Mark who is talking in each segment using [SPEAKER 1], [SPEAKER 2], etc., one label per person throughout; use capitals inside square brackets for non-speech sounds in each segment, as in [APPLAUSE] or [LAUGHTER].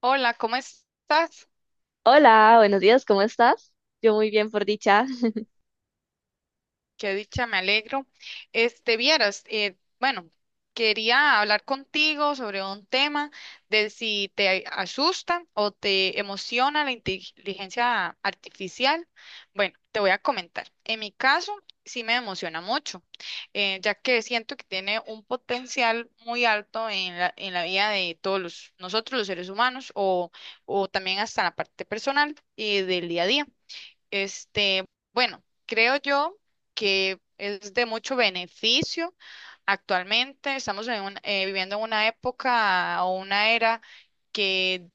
[SPEAKER 1] Hola, ¿cómo estás?
[SPEAKER 2] Hola, buenos días, ¿cómo estás? Yo muy bien, por dicha. [LAUGHS]
[SPEAKER 1] Qué dicha, me alegro. Este, vieras, bueno, quería hablar contigo sobre un tema de si te asusta o te emociona la inteligencia artificial. Bueno, te voy a comentar. En mi caso, sí me emociona mucho, ya que siento que tiene un potencial muy alto en la vida de todos nosotros, los seres humanos, o también hasta la parte personal y del día a día. Este, bueno, creo yo que es de mucho beneficio. Actualmente estamos viviendo en una época o una era que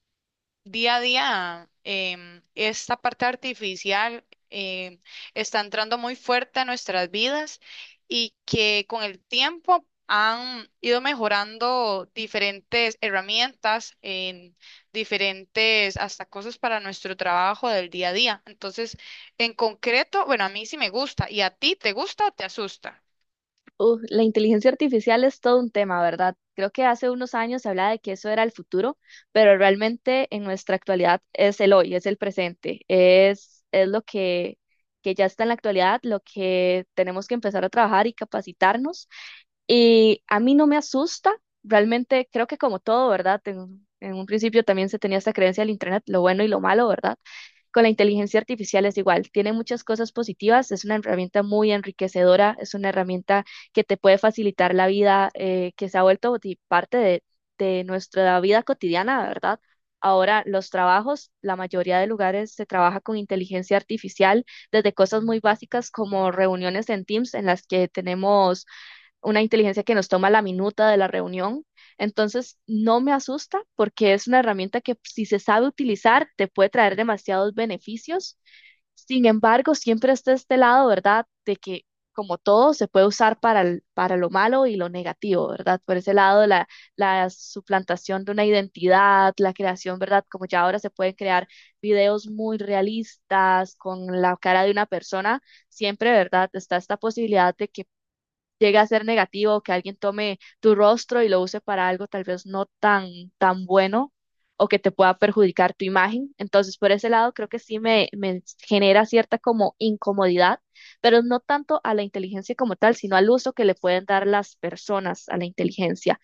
[SPEAKER 1] día a día esta parte artificial em, está entrando muy fuerte a nuestras vidas y que con el tiempo han ido mejorando diferentes herramientas, en diferentes hasta cosas para nuestro trabajo del día a día. Entonces, en concreto, bueno, a mí sí me gusta. ¿Y a ti te gusta o te asusta?
[SPEAKER 2] La inteligencia artificial es todo un tema, ¿verdad? Creo que hace unos años se hablaba de que eso era el futuro, pero realmente en nuestra actualidad es el hoy, es el presente, es lo que ya está en la actualidad, lo que tenemos que empezar a trabajar y capacitarnos. Y a mí no me asusta, realmente creo que como todo, ¿verdad? En un principio también se tenía esta creencia del Internet, lo bueno y lo malo, ¿verdad? Con la inteligencia artificial es igual, tiene muchas cosas positivas, es una herramienta muy enriquecedora, es una herramienta que te puede facilitar la vida, que se ha vuelto parte de nuestra vida cotidiana, ¿verdad? Ahora los trabajos, la mayoría de lugares se trabaja con inteligencia artificial, desde cosas muy básicas como reuniones en Teams en las que tenemos una inteligencia que nos toma la minuta de la reunión. Entonces, no me asusta porque es una herramienta que si se sabe utilizar, te puede traer demasiados beneficios. Sin embargo, siempre está este lado, ¿verdad? De que como todo, se puede usar para lo malo y lo negativo, ¿verdad? Por ese lado, la suplantación de una identidad, la creación, ¿verdad? Como ya ahora se pueden crear videos muy realistas con la cara de una persona, siempre, ¿verdad? Está esta posibilidad de que llegue a ser negativo, que alguien tome tu rostro y lo use para algo tal vez no tan, tan bueno o que te pueda perjudicar tu imagen. Entonces, por ese lado, creo que sí me genera cierta como incomodidad, pero no tanto a la inteligencia como tal, sino al uso que le pueden dar las personas a la inteligencia.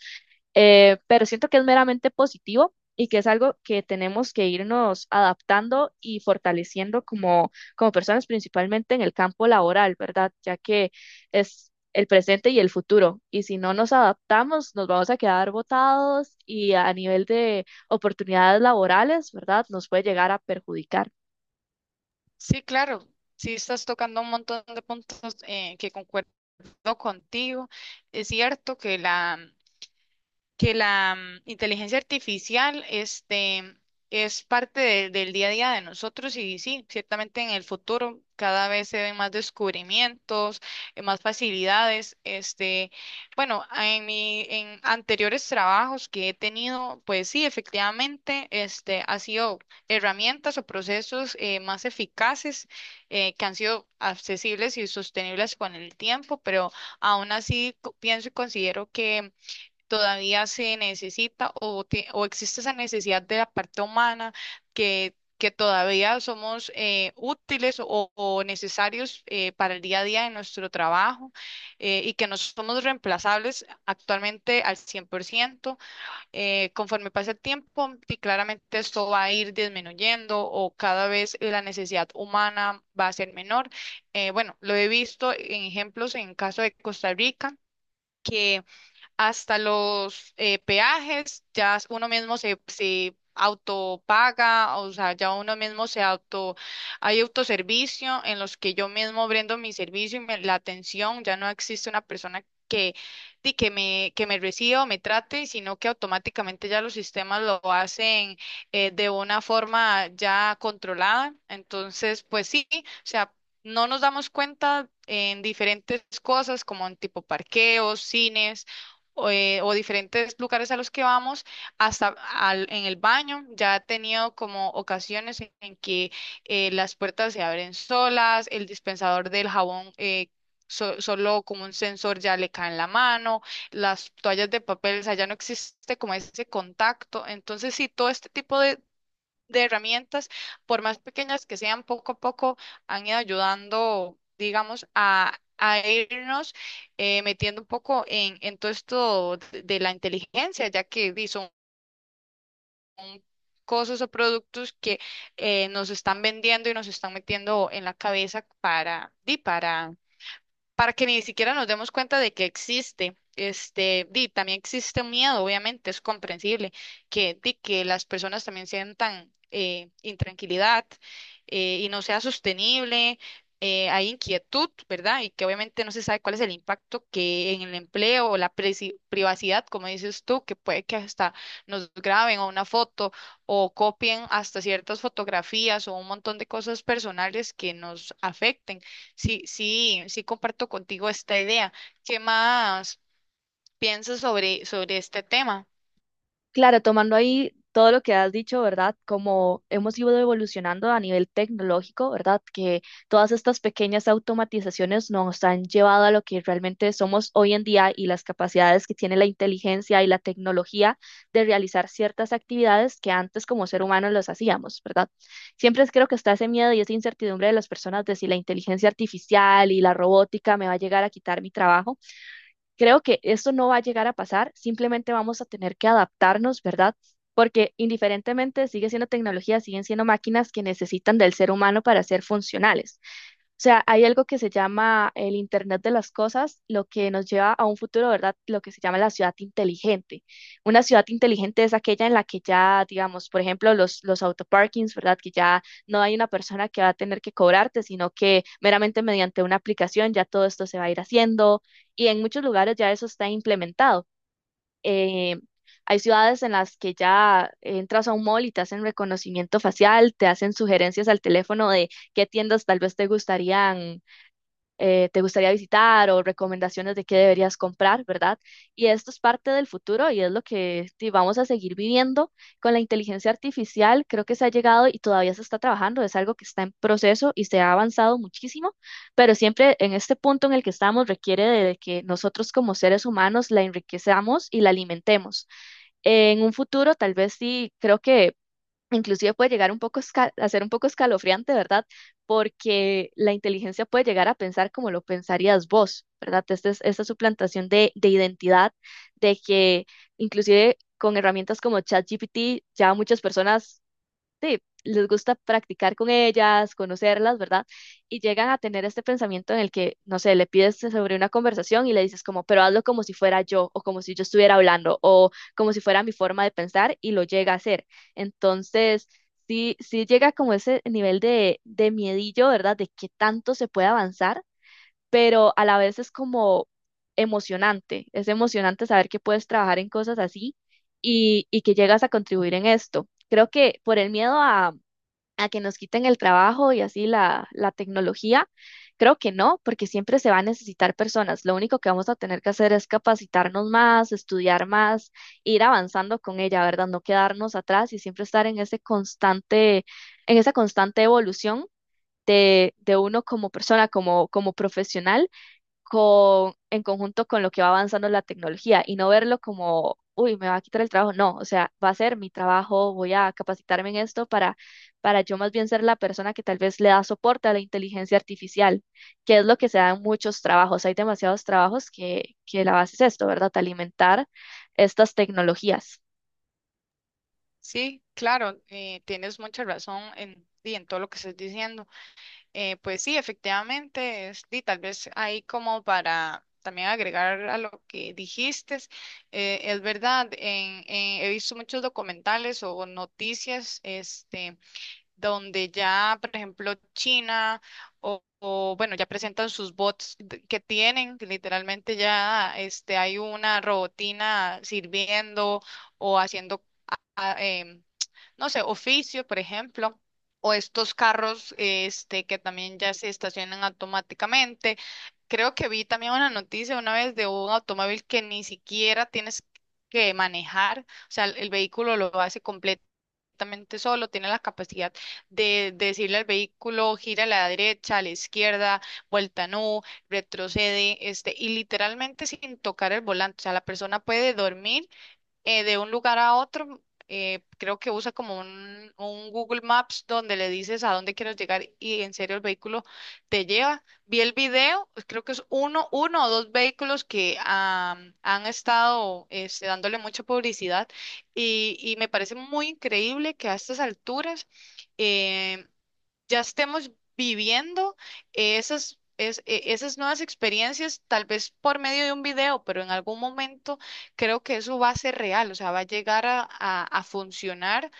[SPEAKER 2] Pero siento que es meramente positivo y que es algo que tenemos que irnos adaptando y fortaleciendo como personas, principalmente en el campo laboral, ¿verdad? Ya que es el presente y el futuro. Y si no nos adaptamos, nos vamos a quedar botados y a nivel de oportunidades laborales, ¿verdad? Nos puede llegar a perjudicar.
[SPEAKER 1] Sí, claro. Sí, estás tocando un montón de puntos que concuerdo contigo. Es cierto que la inteligencia artificial este, es parte del día a día de nosotros y sí, ciertamente en el futuro cada vez se ven más descubrimientos, más facilidades. Este, bueno, en anteriores trabajos que he tenido, pues sí, efectivamente, este, ha sido herramientas o procesos más eficaces que han sido accesibles y sostenibles con el tiempo, pero aún así pienso y considero que todavía se necesita o existe esa necesidad de la parte humana que todavía somos útiles o necesarios para el día a día de nuestro trabajo, y que no somos reemplazables actualmente al 100%. Conforme pasa el tiempo, y claramente esto va a ir disminuyendo o cada vez la necesidad humana va a ser menor. Bueno, lo he visto en ejemplos en caso de Costa Rica, que hasta los peajes, ya uno mismo se autopaga, o sea, ya uno mismo se auto, hay autoservicio en los que yo mismo brindo mi servicio y la atención, ya no existe una persona que me reciba o me trate, sino que automáticamente ya los sistemas lo hacen de una forma ya controlada. Entonces, pues sí, o sea, no nos damos cuenta en diferentes cosas como en tipo parqueos, cines o diferentes lugares a los que vamos, hasta en el baño. Ya he tenido como ocasiones en que las puertas se abren solas, el dispensador del jabón, solo como un sensor ya le cae en la mano, las toallas de papel, o sea, ya no existe como ese contacto. Entonces, sí, todo este tipo de herramientas, por más pequeñas que sean, poco a poco han ido ayudando, digamos, a irnos metiendo un poco en todo esto de la inteligencia, ya que son cosas o productos que nos están vendiendo y nos están metiendo en la cabeza para, di, para que ni siquiera nos demos cuenta de que existe. Este, también existe un miedo, obviamente, es comprensible que las personas también sientan intranquilidad y no sea sostenible, hay inquietud, ¿verdad? Y que obviamente no se sabe cuál es el impacto que en el empleo o la privacidad, como dices tú, que puede que hasta nos graben o una foto o copien hasta ciertas fotografías o un montón de cosas personales que nos afecten. Sí, sí, sí comparto contigo esta idea. ¿Qué más piensas sobre este tema?
[SPEAKER 2] Claro, tomando ahí todo lo que has dicho, ¿verdad? Como hemos ido evolucionando a nivel tecnológico, ¿verdad? Que todas estas pequeñas automatizaciones nos han llevado a lo que realmente somos hoy en día y las capacidades que tiene la inteligencia y la tecnología de realizar ciertas actividades que antes como ser humano los hacíamos, ¿verdad? Creo que está ese miedo y esa incertidumbre de las personas de si la inteligencia artificial y la robótica me va a llegar a quitar mi trabajo. Creo que esto no va a llegar a pasar, simplemente vamos a tener que adaptarnos, ¿verdad? Porque indiferentemente sigue siendo tecnología, siguen siendo máquinas que necesitan del ser humano para ser funcionales. O sea, hay algo que se llama el Internet de las Cosas, lo que nos lleva a un futuro, ¿verdad? Lo que se llama la ciudad inteligente. Una ciudad inteligente es aquella en la que ya, digamos, por ejemplo, los autoparkings, ¿verdad? Que ya no hay una persona que va a tener que cobrarte, sino que meramente mediante una aplicación ya todo esto se va a ir haciendo y en muchos lugares ya eso está implementado. Eh, Hay ciudades en las que ya entras a un mall y te hacen reconocimiento facial, te hacen sugerencias al teléfono de qué tiendas tal vez te gustarían, te gustaría visitar o recomendaciones de qué deberías comprar, ¿verdad? Y esto es parte del futuro y es lo que sí, vamos a seguir viviendo con la inteligencia artificial. Creo que se ha llegado y todavía se está trabajando, es algo que está en proceso y se ha avanzado muchísimo, pero siempre en este punto en el que estamos requiere de que nosotros como seres humanos la enriquezamos y la alimentemos. En un futuro, tal vez sí, creo que inclusive puede llegar un a ser un poco escalofriante, ¿verdad? Porque la inteligencia puede llegar a pensar como lo pensarías vos, ¿verdad? Esta suplantación de identidad, de que inclusive con herramientas como ChatGPT ya muchas personas sí, les gusta practicar con ellas, conocerlas, ¿verdad? Y llegan a tener este pensamiento en el que, no sé, le pides sobre una conversación y le dices como, pero hazlo como si fuera yo, o como si yo estuviera hablando, o como si fuera mi forma de pensar, y lo llega a hacer. Entonces, sí, sí llega como ese nivel de miedillo, ¿verdad? De qué tanto se puede avanzar, pero a la vez es como emocionante, es emocionante saber que puedes trabajar en cosas así y que llegas a contribuir en esto. Creo que por el miedo a que nos quiten el trabajo y así la tecnología, creo que no, porque siempre se va a necesitar personas. Lo único que vamos a tener que hacer es capacitarnos más, estudiar más, ir avanzando con ella, ¿verdad? No quedarnos atrás y siempre estar en ese en esa constante evolución de uno como persona, como profesional en conjunto con lo que va avanzando la tecnología y no verlo como, uy, me va a quitar el trabajo. No, o sea, va a ser mi trabajo, voy a capacitarme en esto para yo más bien ser la persona que tal vez le da soporte a la inteligencia artificial, que es lo que se da en muchos trabajos. Hay demasiados trabajos que la base es esto, ¿verdad? Alimentar estas tecnologías.
[SPEAKER 1] Sí, claro, tienes mucha razón y en todo lo que estás diciendo. Pues sí, efectivamente, y tal vez ahí como para también agregar a lo que dijiste, es verdad. He visto muchos documentales o noticias, este donde ya, por ejemplo, China bueno, ya presentan sus bots que tienen, que literalmente ya este, hay una robotina sirviendo o haciendo, a- em, no sé, oficio, por ejemplo. O estos carros este, que también ya se estacionan automáticamente. Creo que vi también una noticia una vez de un automóvil que ni siquiera tienes que manejar, o sea, el vehículo lo hace completamente perfectamente solo, tiene la capacidad de decirle al vehículo, gira a la derecha, a la izquierda, vuelta no, retrocede, este, y literalmente sin tocar el volante. O sea, la persona puede dormir, de un lugar a otro, creo que usa como un Google Maps donde le dices a dónde quieres llegar y en serio el vehículo te lleva. Vi el video, pues, creo que es uno o dos vehículos que han estado este, dándole mucha publicidad, y me parece muy increíble que a estas alturas em, ya estemos viviendo esas nuevas experiencias, tal vez por medio de un video, pero en algún momento creo que eso va a ser real, o sea, va a llegar a funcionar,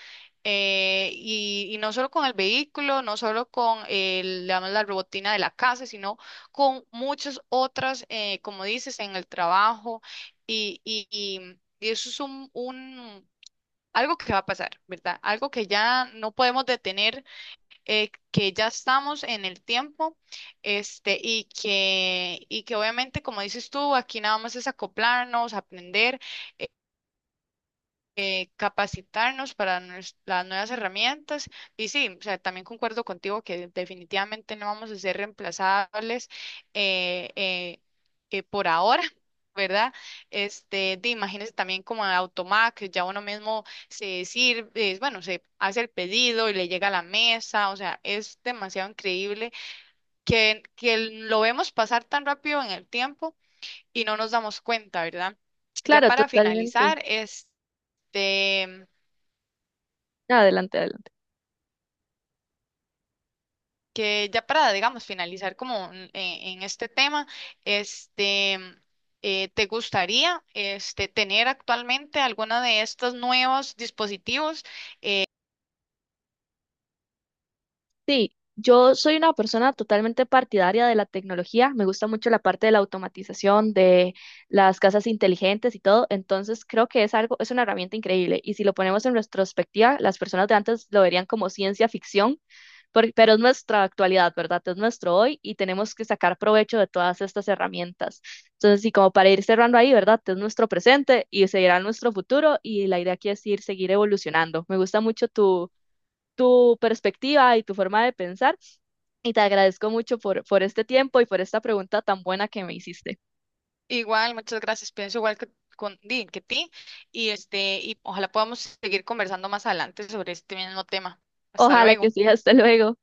[SPEAKER 1] y no solo con el vehículo, no solo con digamos, la robotina de la casa, sino con muchas otras, como dices, en el trabajo, y, y- y- y eso es algo que va a pasar, ¿verdad? Algo que ya no podemos detener, que ya estamos en el tiempo, este, y que obviamente, como dices tú, aquí nada más es acoplarnos, aprender, capacitarnos para las nuevas herramientas. Y sí, o sea, también concuerdo contigo que definitivamente no vamos a ser reemplazables, eh, eh, por ahora. ¿Verdad? Este, imagínense también como a Automac, ya uno mismo se sirve, bueno, se hace el pedido y le llega a la mesa, o sea, es demasiado increíble que lo vemos pasar tan rápido en el tiempo y no nos damos cuenta, ¿verdad? Ya
[SPEAKER 2] Claro,
[SPEAKER 1] para
[SPEAKER 2] totalmente.
[SPEAKER 1] finalizar, este,
[SPEAKER 2] Adelante, adelante.
[SPEAKER 1] que ya para, digamos, finalizar como en este tema, este, ¿te gustaría este, tener actualmente alguna de estos nuevos dispositivos?
[SPEAKER 2] Sí, yo soy una persona totalmente partidaria de la tecnología. Me gusta mucho la parte de la automatización, de las casas inteligentes y todo. Entonces creo que es algo, es una herramienta increíble. Y si lo ponemos en retrospectiva, las personas de antes lo verían como ciencia ficción, pero es nuestra actualidad, ¿verdad? Es nuestro hoy y tenemos que sacar provecho de todas estas herramientas. Entonces, sí, como para ir cerrando ahí, ¿verdad? Es nuestro presente y seguirá nuestro futuro. Y la idea aquí es ir, seguir evolucionando. Me gusta mucho tu perspectiva y tu forma de pensar. Y te agradezco mucho por este tiempo y por esta pregunta tan buena que me hiciste.
[SPEAKER 1] Igual, muchas gracias, pienso igual que, con, di- que ti, y, este, y ojalá podamos seguir conversando más adelante sobre este mismo tema. Hasta
[SPEAKER 2] Ojalá que
[SPEAKER 1] luego.
[SPEAKER 2] sí, hasta luego.